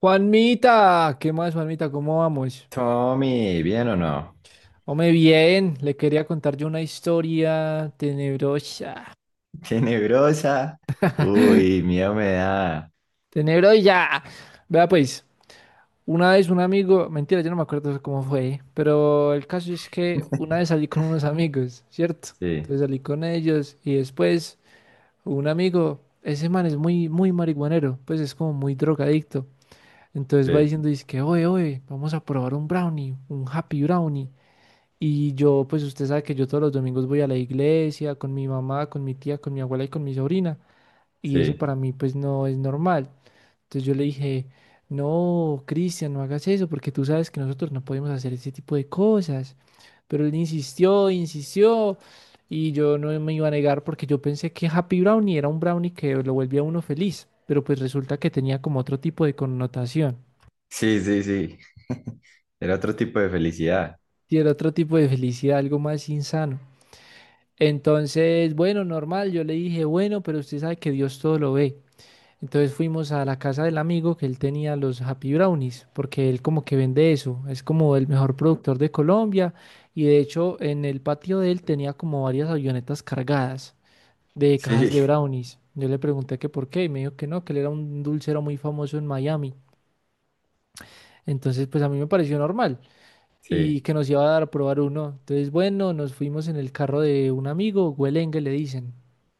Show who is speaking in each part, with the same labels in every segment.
Speaker 1: Juanmita, ¿qué más, Juanmita? ¿Cómo vamos?
Speaker 2: Tommy, ¿bien o no?
Speaker 1: Hombre, bien, le quería contar yo una historia tenebrosa.
Speaker 2: Tenebrosa. Uy, miedo me da.
Speaker 1: Tenebrosa. Vea, pues, una vez un amigo, mentira, yo no me acuerdo cómo fue, pero el caso es que una vez salí con unos amigos, ¿cierto?
Speaker 2: Sí,
Speaker 1: Entonces salí con ellos y después un amigo, ese man es muy, muy marihuanero, pues es como muy drogadicto. Entonces va
Speaker 2: sí,
Speaker 1: diciendo, dice que, oye, oye, vamos a probar un brownie, un happy brownie. Y yo, pues usted sabe que yo todos los domingos voy a la iglesia con mi mamá, con mi tía, con mi abuela y con mi sobrina. Y eso
Speaker 2: sí.
Speaker 1: para mí pues no es normal. Entonces yo le dije, no, Cristian, no hagas eso porque tú sabes que nosotros no podemos hacer ese tipo de cosas. Pero él insistió, insistió y yo no me iba a negar porque yo pensé que Happy Brownie era un brownie que lo volvía a uno feliz. Pero pues resulta que tenía como otro tipo de connotación
Speaker 2: Sí, sí, sí. Era otro tipo de felicidad.
Speaker 1: y era otro tipo de felicidad, algo más insano. Entonces, bueno, normal, yo le dije, bueno, pero usted sabe que Dios todo lo ve. Entonces fuimos a la casa del amigo que él tenía los Happy Brownies, porque él como que vende eso, es como el mejor productor de Colombia y de hecho en el patio de él tenía como varias avionetas cargadas de cajas
Speaker 2: Sí,
Speaker 1: de brownies. Yo le pregunté que por qué y me dijo que no, que él era un dulcero muy famoso en Miami. Entonces, pues a mí me pareció normal
Speaker 2: sí,
Speaker 1: y que nos iba a dar a probar uno. Entonces, bueno, nos fuimos en el carro de un amigo, Güelengue le dicen.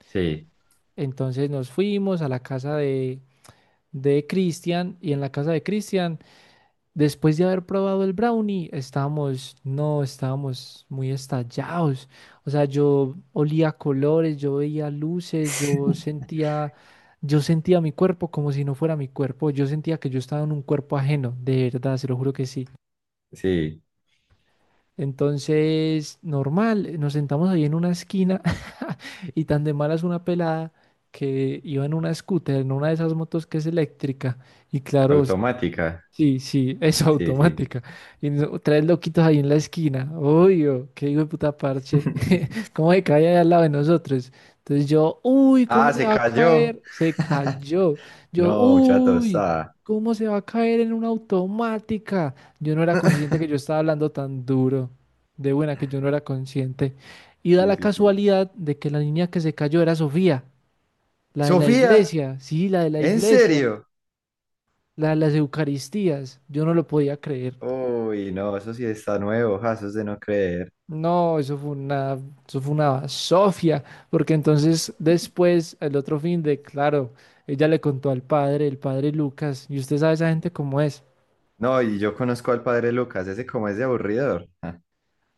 Speaker 2: sí,
Speaker 1: Entonces nos fuimos a la casa de Cristian y en la casa de Cristian, después de haber probado el brownie, estábamos, no, estábamos muy estallados. O sea, yo olía colores, yo veía luces, yo sentía mi cuerpo como si no fuera mi cuerpo. Yo sentía que yo estaba en un cuerpo ajeno, de verdad, se lo juro que sí.
Speaker 2: sí.
Speaker 1: Entonces, normal, nos sentamos ahí en una esquina y tan de malas una pelada que iba en una scooter, en una de esas motos que es eléctrica. Y claro,
Speaker 2: Automática.
Speaker 1: sí, sí, es
Speaker 2: Sí, sí.
Speaker 1: automática. Tres loquitos ahí en la esquina. Obvio, qué hijo de puta parche. ¿Cómo se cae ahí al lado de nosotros? Entonces yo, uy, ¿cómo
Speaker 2: Ah,
Speaker 1: se
Speaker 2: se
Speaker 1: va a
Speaker 2: cayó.
Speaker 1: caer? Se cayó. Yo,
Speaker 2: No, chato,
Speaker 1: uy,
Speaker 2: está.
Speaker 1: ¿cómo se va a caer en una automática? Yo no era consciente que yo estaba hablando tan duro. De buena que yo no era consciente. Y da
Speaker 2: Sí,
Speaker 1: la
Speaker 2: sí, sí.
Speaker 1: casualidad de que la niña que se cayó era Sofía, la de la
Speaker 2: Sofía,
Speaker 1: iglesia, sí, la de la
Speaker 2: ¿en
Speaker 1: iglesia,
Speaker 2: serio?
Speaker 1: la de las Eucaristías. Yo no lo podía creer.
Speaker 2: Uy, no, eso sí está nuevo, ja, eso es de no creer.
Speaker 1: No, eso fue una sofia, porque entonces después, el otro fin de, claro, ella le contó al padre, el padre Lucas, y usted sabe esa gente cómo es.
Speaker 2: No, y yo conozco al padre Lucas, ese como es de aburridor.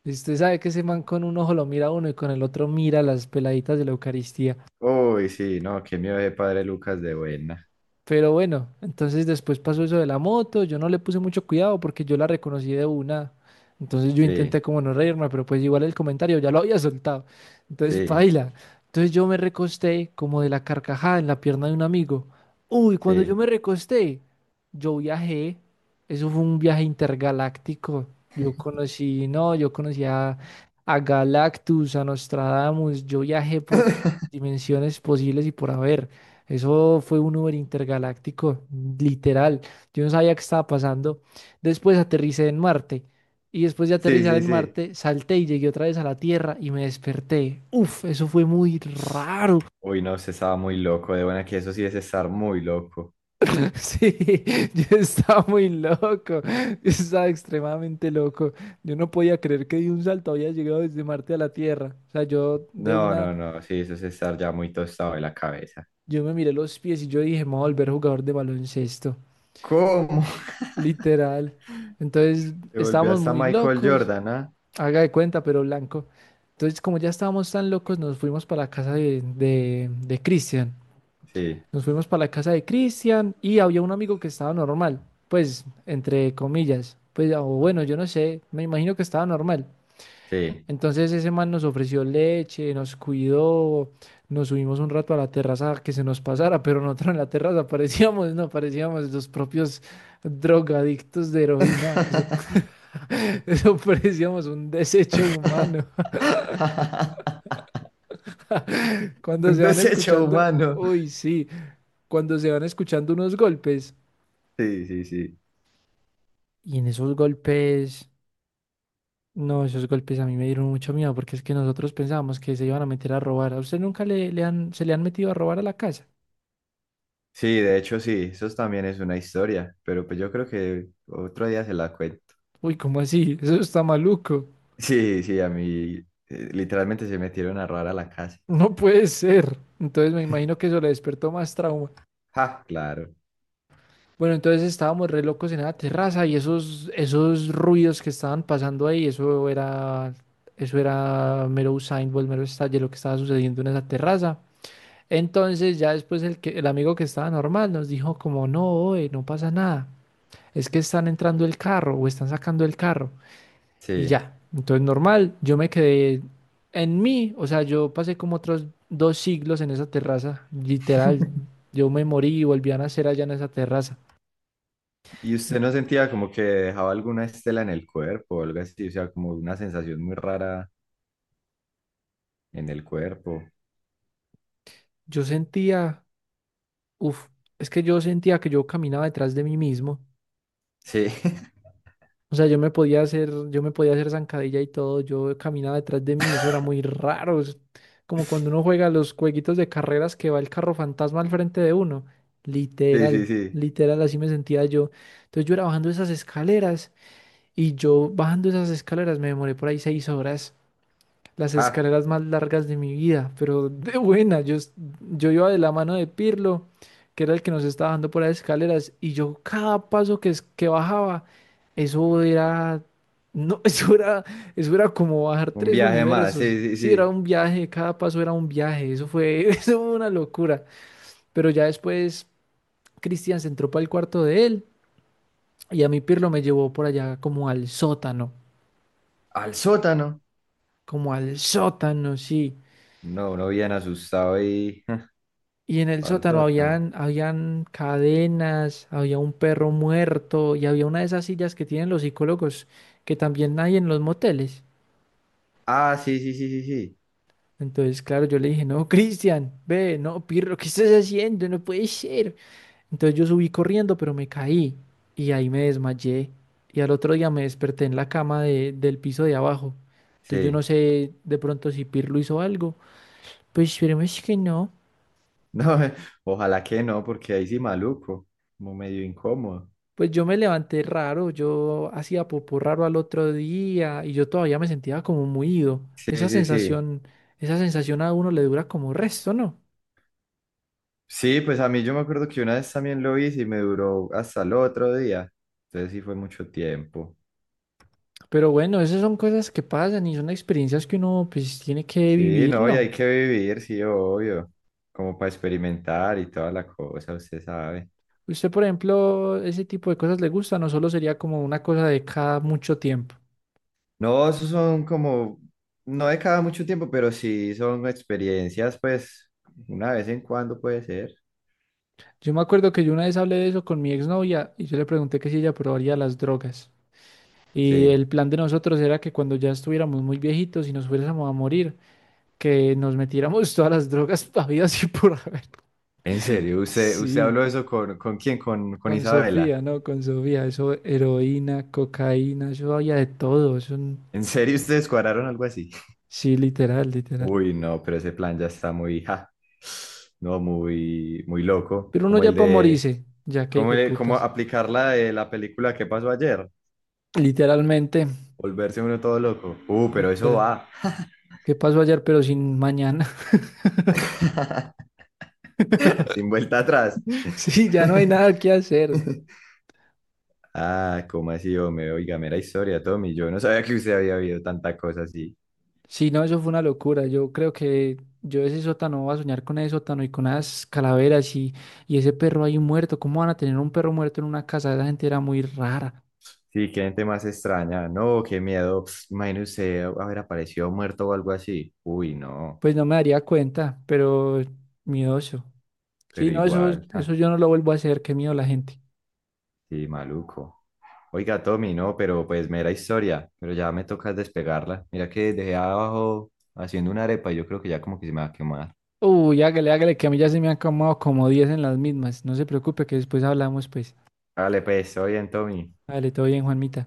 Speaker 1: Y usted sabe que ese man con un ojo lo mira a uno y con el otro mira a las peladitas de la Eucaristía.
Speaker 2: Uy, sí, no, qué miedo de Padre Lucas de buena.
Speaker 1: Pero bueno, entonces después pasó eso de la moto, yo no le puse mucho cuidado porque yo la reconocí de una. Entonces yo intenté
Speaker 2: Sí,
Speaker 1: como no reírme, pero pues igual el comentario ya lo había soltado. Entonces
Speaker 2: sí,
Speaker 1: paila. Entonces yo me recosté como de la carcajada en la pierna de un amigo. Uy, cuando yo
Speaker 2: sí.
Speaker 1: me recosté, yo viajé. Eso fue un viaje intergaláctico. Yo conocí, no, yo conocí a Galactus, a Nostradamus. Yo viajé por todas las dimensiones posibles y por haber. Eso fue un Uber intergaláctico, literal. Yo no sabía qué estaba pasando. Después aterricé en Marte. Y después de
Speaker 2: Sí,
Speaker 1: aterrizar
Speaker 2: sí,
Speaker 1: en
Speaker 2: sí.
Speaker 1: Marte, salté y llegué otra vez a la Tierra y me desperté. Uf, eso fue muy raro.
Speaker 2: Uy, no, se estaba muy loco de buena, que eso sí es estar muy loco.
Speaker 1: Sí, yo estaba muy loco. Yo estaba extremadamente loco. Yo no podía creer que de un salto había llegado desde Marte a la Tierra. O sea, yo de
Speaker 2: No,
Speaker 1: una,
Speaker 2: no, no, sí, eso es estar ya muy tostado de la cabeza.
Speaker 1: yo me miré los pies y yo dije, me voy a volver jugador de baloncesto.
Speaker 2: ¿Cómo?
Speaker 1: Literal. Entonces
Speaker 2: Se volvió
Speaker 1: estábamos
Speaker 2: hasta
Speaker 1: muy
Speaker 2: Michael
Speaker 1: locos,
Speaker 2: Jordan, ¿ah?
Speaker 1: haga de cuenta, pero blanco. Entonces, como ya estábamos tan locos, nos fuimos para la casa de Cristian.
Speaker 2: Sí,
Speaker 1: Nos fuimos para la casa de Cristian y había un amigo que estaba normal, pues, entre comillas. Pues, o bueno, yo no sé, me imagino que estaba normal.
Speaker 2: sí.
Speaker 1: Entonces ese man nos ofreció leche, nos cuidó, nos subimos un rato a la terraza a que se nos pasara, pero nosotros en la terraza parecíamos, no, parecíamos los propios drogadictos de heroína. Eso parecíamos un desecho humano. Cuando
Speaker 2: Un
Speaker 1: se van
Speaker 2: desecho
Speaker 1: escuchando,
Speaker 2: humano.
Speaker 1: uy, sí, cuando se van escuchando unos golpes.
Speaker 2: Sí, sí, sí.
Speaker 1: Y en esos golpes, no, esos golpes a mí me dieron mucho miedo porque es que nosotros pensábamos que se iban a meter a robar. ¿A usted nunca se le han metido a robar a la casa?
Speaker 2: Sí, de hecho sí, eso también es una historia, pero pues yo creo que otro día se la cuento.
Speaker 1: Uy, ¿cómo así? Eso está maluco.
Speaker 2: Sí, sí, a mí literalmente se metieron a robar a la casa.
Speaker 1: No puede ser. Entonces me imagino que eso le despertó más trauma.
Speaker 2: Ja, claro,
Speaker 1: Bueno, entonces estábamos re locos en la terraza y esos ruidos que estaban pasando ahí, eso era mero Usain Bolt, mero estalle lo que estaba sucediendo en esa terraza. Entonces ya después el amigo que estaba normal nos dijo como, no, oe, no pasa nada, es que están entrando el carro o están sacando el carro y
Speaker 2: sí.
Speaker 1: ya. Entonces normal, yo me quedé en mí, o sea, yo pasé como otros 2 siglos en esa terraza, literal, yo me morí y volví a nacer allá en esa terraza.
Speaker 2: ¿Y usted no sentía como que dejaba alguna estela en el cuerpo o algo así? O sea, como una sensación muy rara en el cuerpo.
Speaker 1: Yo sentía, uff, es que yo sentía que yo caminaba detrás de mí mismo.
Speaker 2: Sí,
Speaker 1: O sea, yo me podía hacer zancadilla y todo, yo caminaba detrás de mí, eso era muy raro. Es como cuando uno juega los jueguitos de carreras que va el carro fantasma al frente de uno.
Speaker 2: sí, sí,
Speaker 1: Literal,
Speaker 2: sí.
Speaker 1: literal, así me sentía yo. Entonces yo era bajando esas escaleras y yo bajando esas escaleras me demoré por ahí 6 horas. Las
Speaker 2: Ja,
Speaker 1: escaleras más largas de mi vida, pero de buena. Yo iba de la mano de Pirlo, que era el que nos estaba dando por las escaleras, y yo cada paso que bajaba, eso era, no, eso era como bajar
Speaker 2: un
Speaker 1: tres
Speaker 2: viaje más,
Speaker 1: universos.
Speaker 2: sí, sí,
Speaker 1: Sí, era
Speaker 2: sí.
Speaker 1: un viaje, cada paso era un viaje, eso fue, eso fue una locura. Pero ya después Cristian se entró para el cuarto de él y a mí Pirlo me llevó por allá
Speaker 2: ¿Al sótano?
Speaker 1: como al sótano, sí.
Speaker 2: No, uno bien asustado y...
Speaker 1: Y en el
Speaker 2: ¿Al
Speaker 1: sótano
Speaker 2: sótano?
Speaker 1: habían cadenas, había un perro muerto y había una de esas sillas que tienen los psicólogos que también hay en los moteles.
Speaker 2: Ah, sí, sí, sí, sí, sí.
Speaker 1: Entonces, claro, yo le dije, no, Cristian, ve, no, Pirro, ¿qué estás haciendo? No puede ser. Entonces yo subí corriendo, pero me caí y ahí me desmayé. Y al otro día me desperté en la cama del piso de abajo. Entonces yo
Speaker 2: Sí.
Speaker 1: no sé de pronto si Pirlo hizo algo. Pues esperemos que no.
Speaker 2: No, ojalá que no, porque ahí sí maluco, como medio incómodo.
Speaker 1: Pues yo me levanté raro, yo hacía popó raro al otro día y yo todavía me sentía como muido.
Speaker 2: Sí,
Speaker 1: Esa
Speaker 2: sí, sí.
Speaker 1: sensación, esa sensación a uno le dura como resto, ¿no?
Speaker 2: Sí, pues a mí yo me acuerdo que una vez también lo hice y me duró hasta el otro día. Entonces sí fue mucho tiempo.
Speaker 1: Pero bueno, esas son cosas que pasan y son experiencias que uno pues tiene que
Speaker 2: Sí,
Speaker 1: vivir,
Speaker 2: no, y
Speaker 1: ¿no?
Speaker 2: hay que vivir, sí, obvio. Como para experimentar y toda la cosa, usted sabe.
Speaker 1: Usted, por ejemplo, ese tipo de cosas le gusta, no solo sería como una cosa de cada mucho tiempo.
Speaker 2: No, esos son como, no de cada mucho tiempo, pero sí son experiencias, pues, una vez en cuando puede ser.
Speaker 1: Yo me acuerdo que yo una vez hablé de eso con mi exnovia y yo le pregunté que si ella probaría las drogas. Y
Speaker 2: Sí.
Speaker 1: el plan de nosotros era que cuando ya estuviéramos muy viejitos y nos fuésemos a morir, que nos metiéramos todas las drogas habidas y por haber.
Speaker 2: En serio, usted, usted
Speaker 1: Sí,
Speaker 2: habló eso ¿con quién? Con
Speaker 1: con
Speaker 2: Isabela.
Speaker 1: Sofía, ¿no? Con Sofía, eso, heroína, cocaína, eso había de todo,
Speaker 2: ¿En serio ustedes cuadraron algo así?
Speaker 1: sí, literal, literal.
Speaker 2: Uy, no, pero ese plan ya está muy, ja, no, muy loco.
Speaker 1: Pero uno
Speaker 2: Como
Speaker 1: ya
Speaker 2: el
Speaker 1: pa'
Speaker 2: de,
Speaker 1: morirse, ya que
Speaker 2: como,
Speaker 1: hijo de
Speaker 2: como
Speaker 1: putas.
Speaker 2: aplicar la de la película que pasó ayer?
Speaker 1: Literalmente,
Speaker 2: Volverse uno todo loco. Pero eso
Speaker 1: literal.
Speaker 2: va.
Speaker 1: ¿Qué pasó ayer pero sin mañana?
Speaker 2: Sin vuelta atrás.
Speaker 1: Sí, ya no hay nada que hacer.
Speaker 2: Ah, ¿cómo así, hombre? Oiga, mera historia, Tommy. Yo no sabía que usted había habido tanta cosa así.
Speaker 1: Sí, no, eso fue una locura. Yo creo que yo ese sótano voy a soñar con ese sótano y con esas calaveras y ese perro ahí muerto. ¿Cómo van a tener un perro muerto en una casa? Esa gente era muy rara.
Speaker 2: Sí, qué gente más extraña. No, qué miedo. Pss, imagínese usted haber aparecido muerto o algo así. Uy, no,
Speaker 1: Pues no me daría cuenta, pero miedoso.
Speaker 2: pero
Speaker 1: Sí, no, eso,
Speaker 2: igual.
Speaker 1: eso yo no lo vuelvo a hacer. Qué miedo la gente.
Speaker 2: Sí, maluco. Oiga, Tommy, no, pero pues mera historia, pero ya me toca despegarla. Mira que dejé abajo haciendo una arepa y yo creo que ya como que se me va a quemar.
Speaker 1: Uy, hágale, hágale, que a mí ya se me han acomodado como 10 en las mismas. No se preocupe que después hablamos, pues.
Speaker 2: Dale, pues, estoy bien, Tommy.
Speaker 1: Dale, todo bien, Juanmita.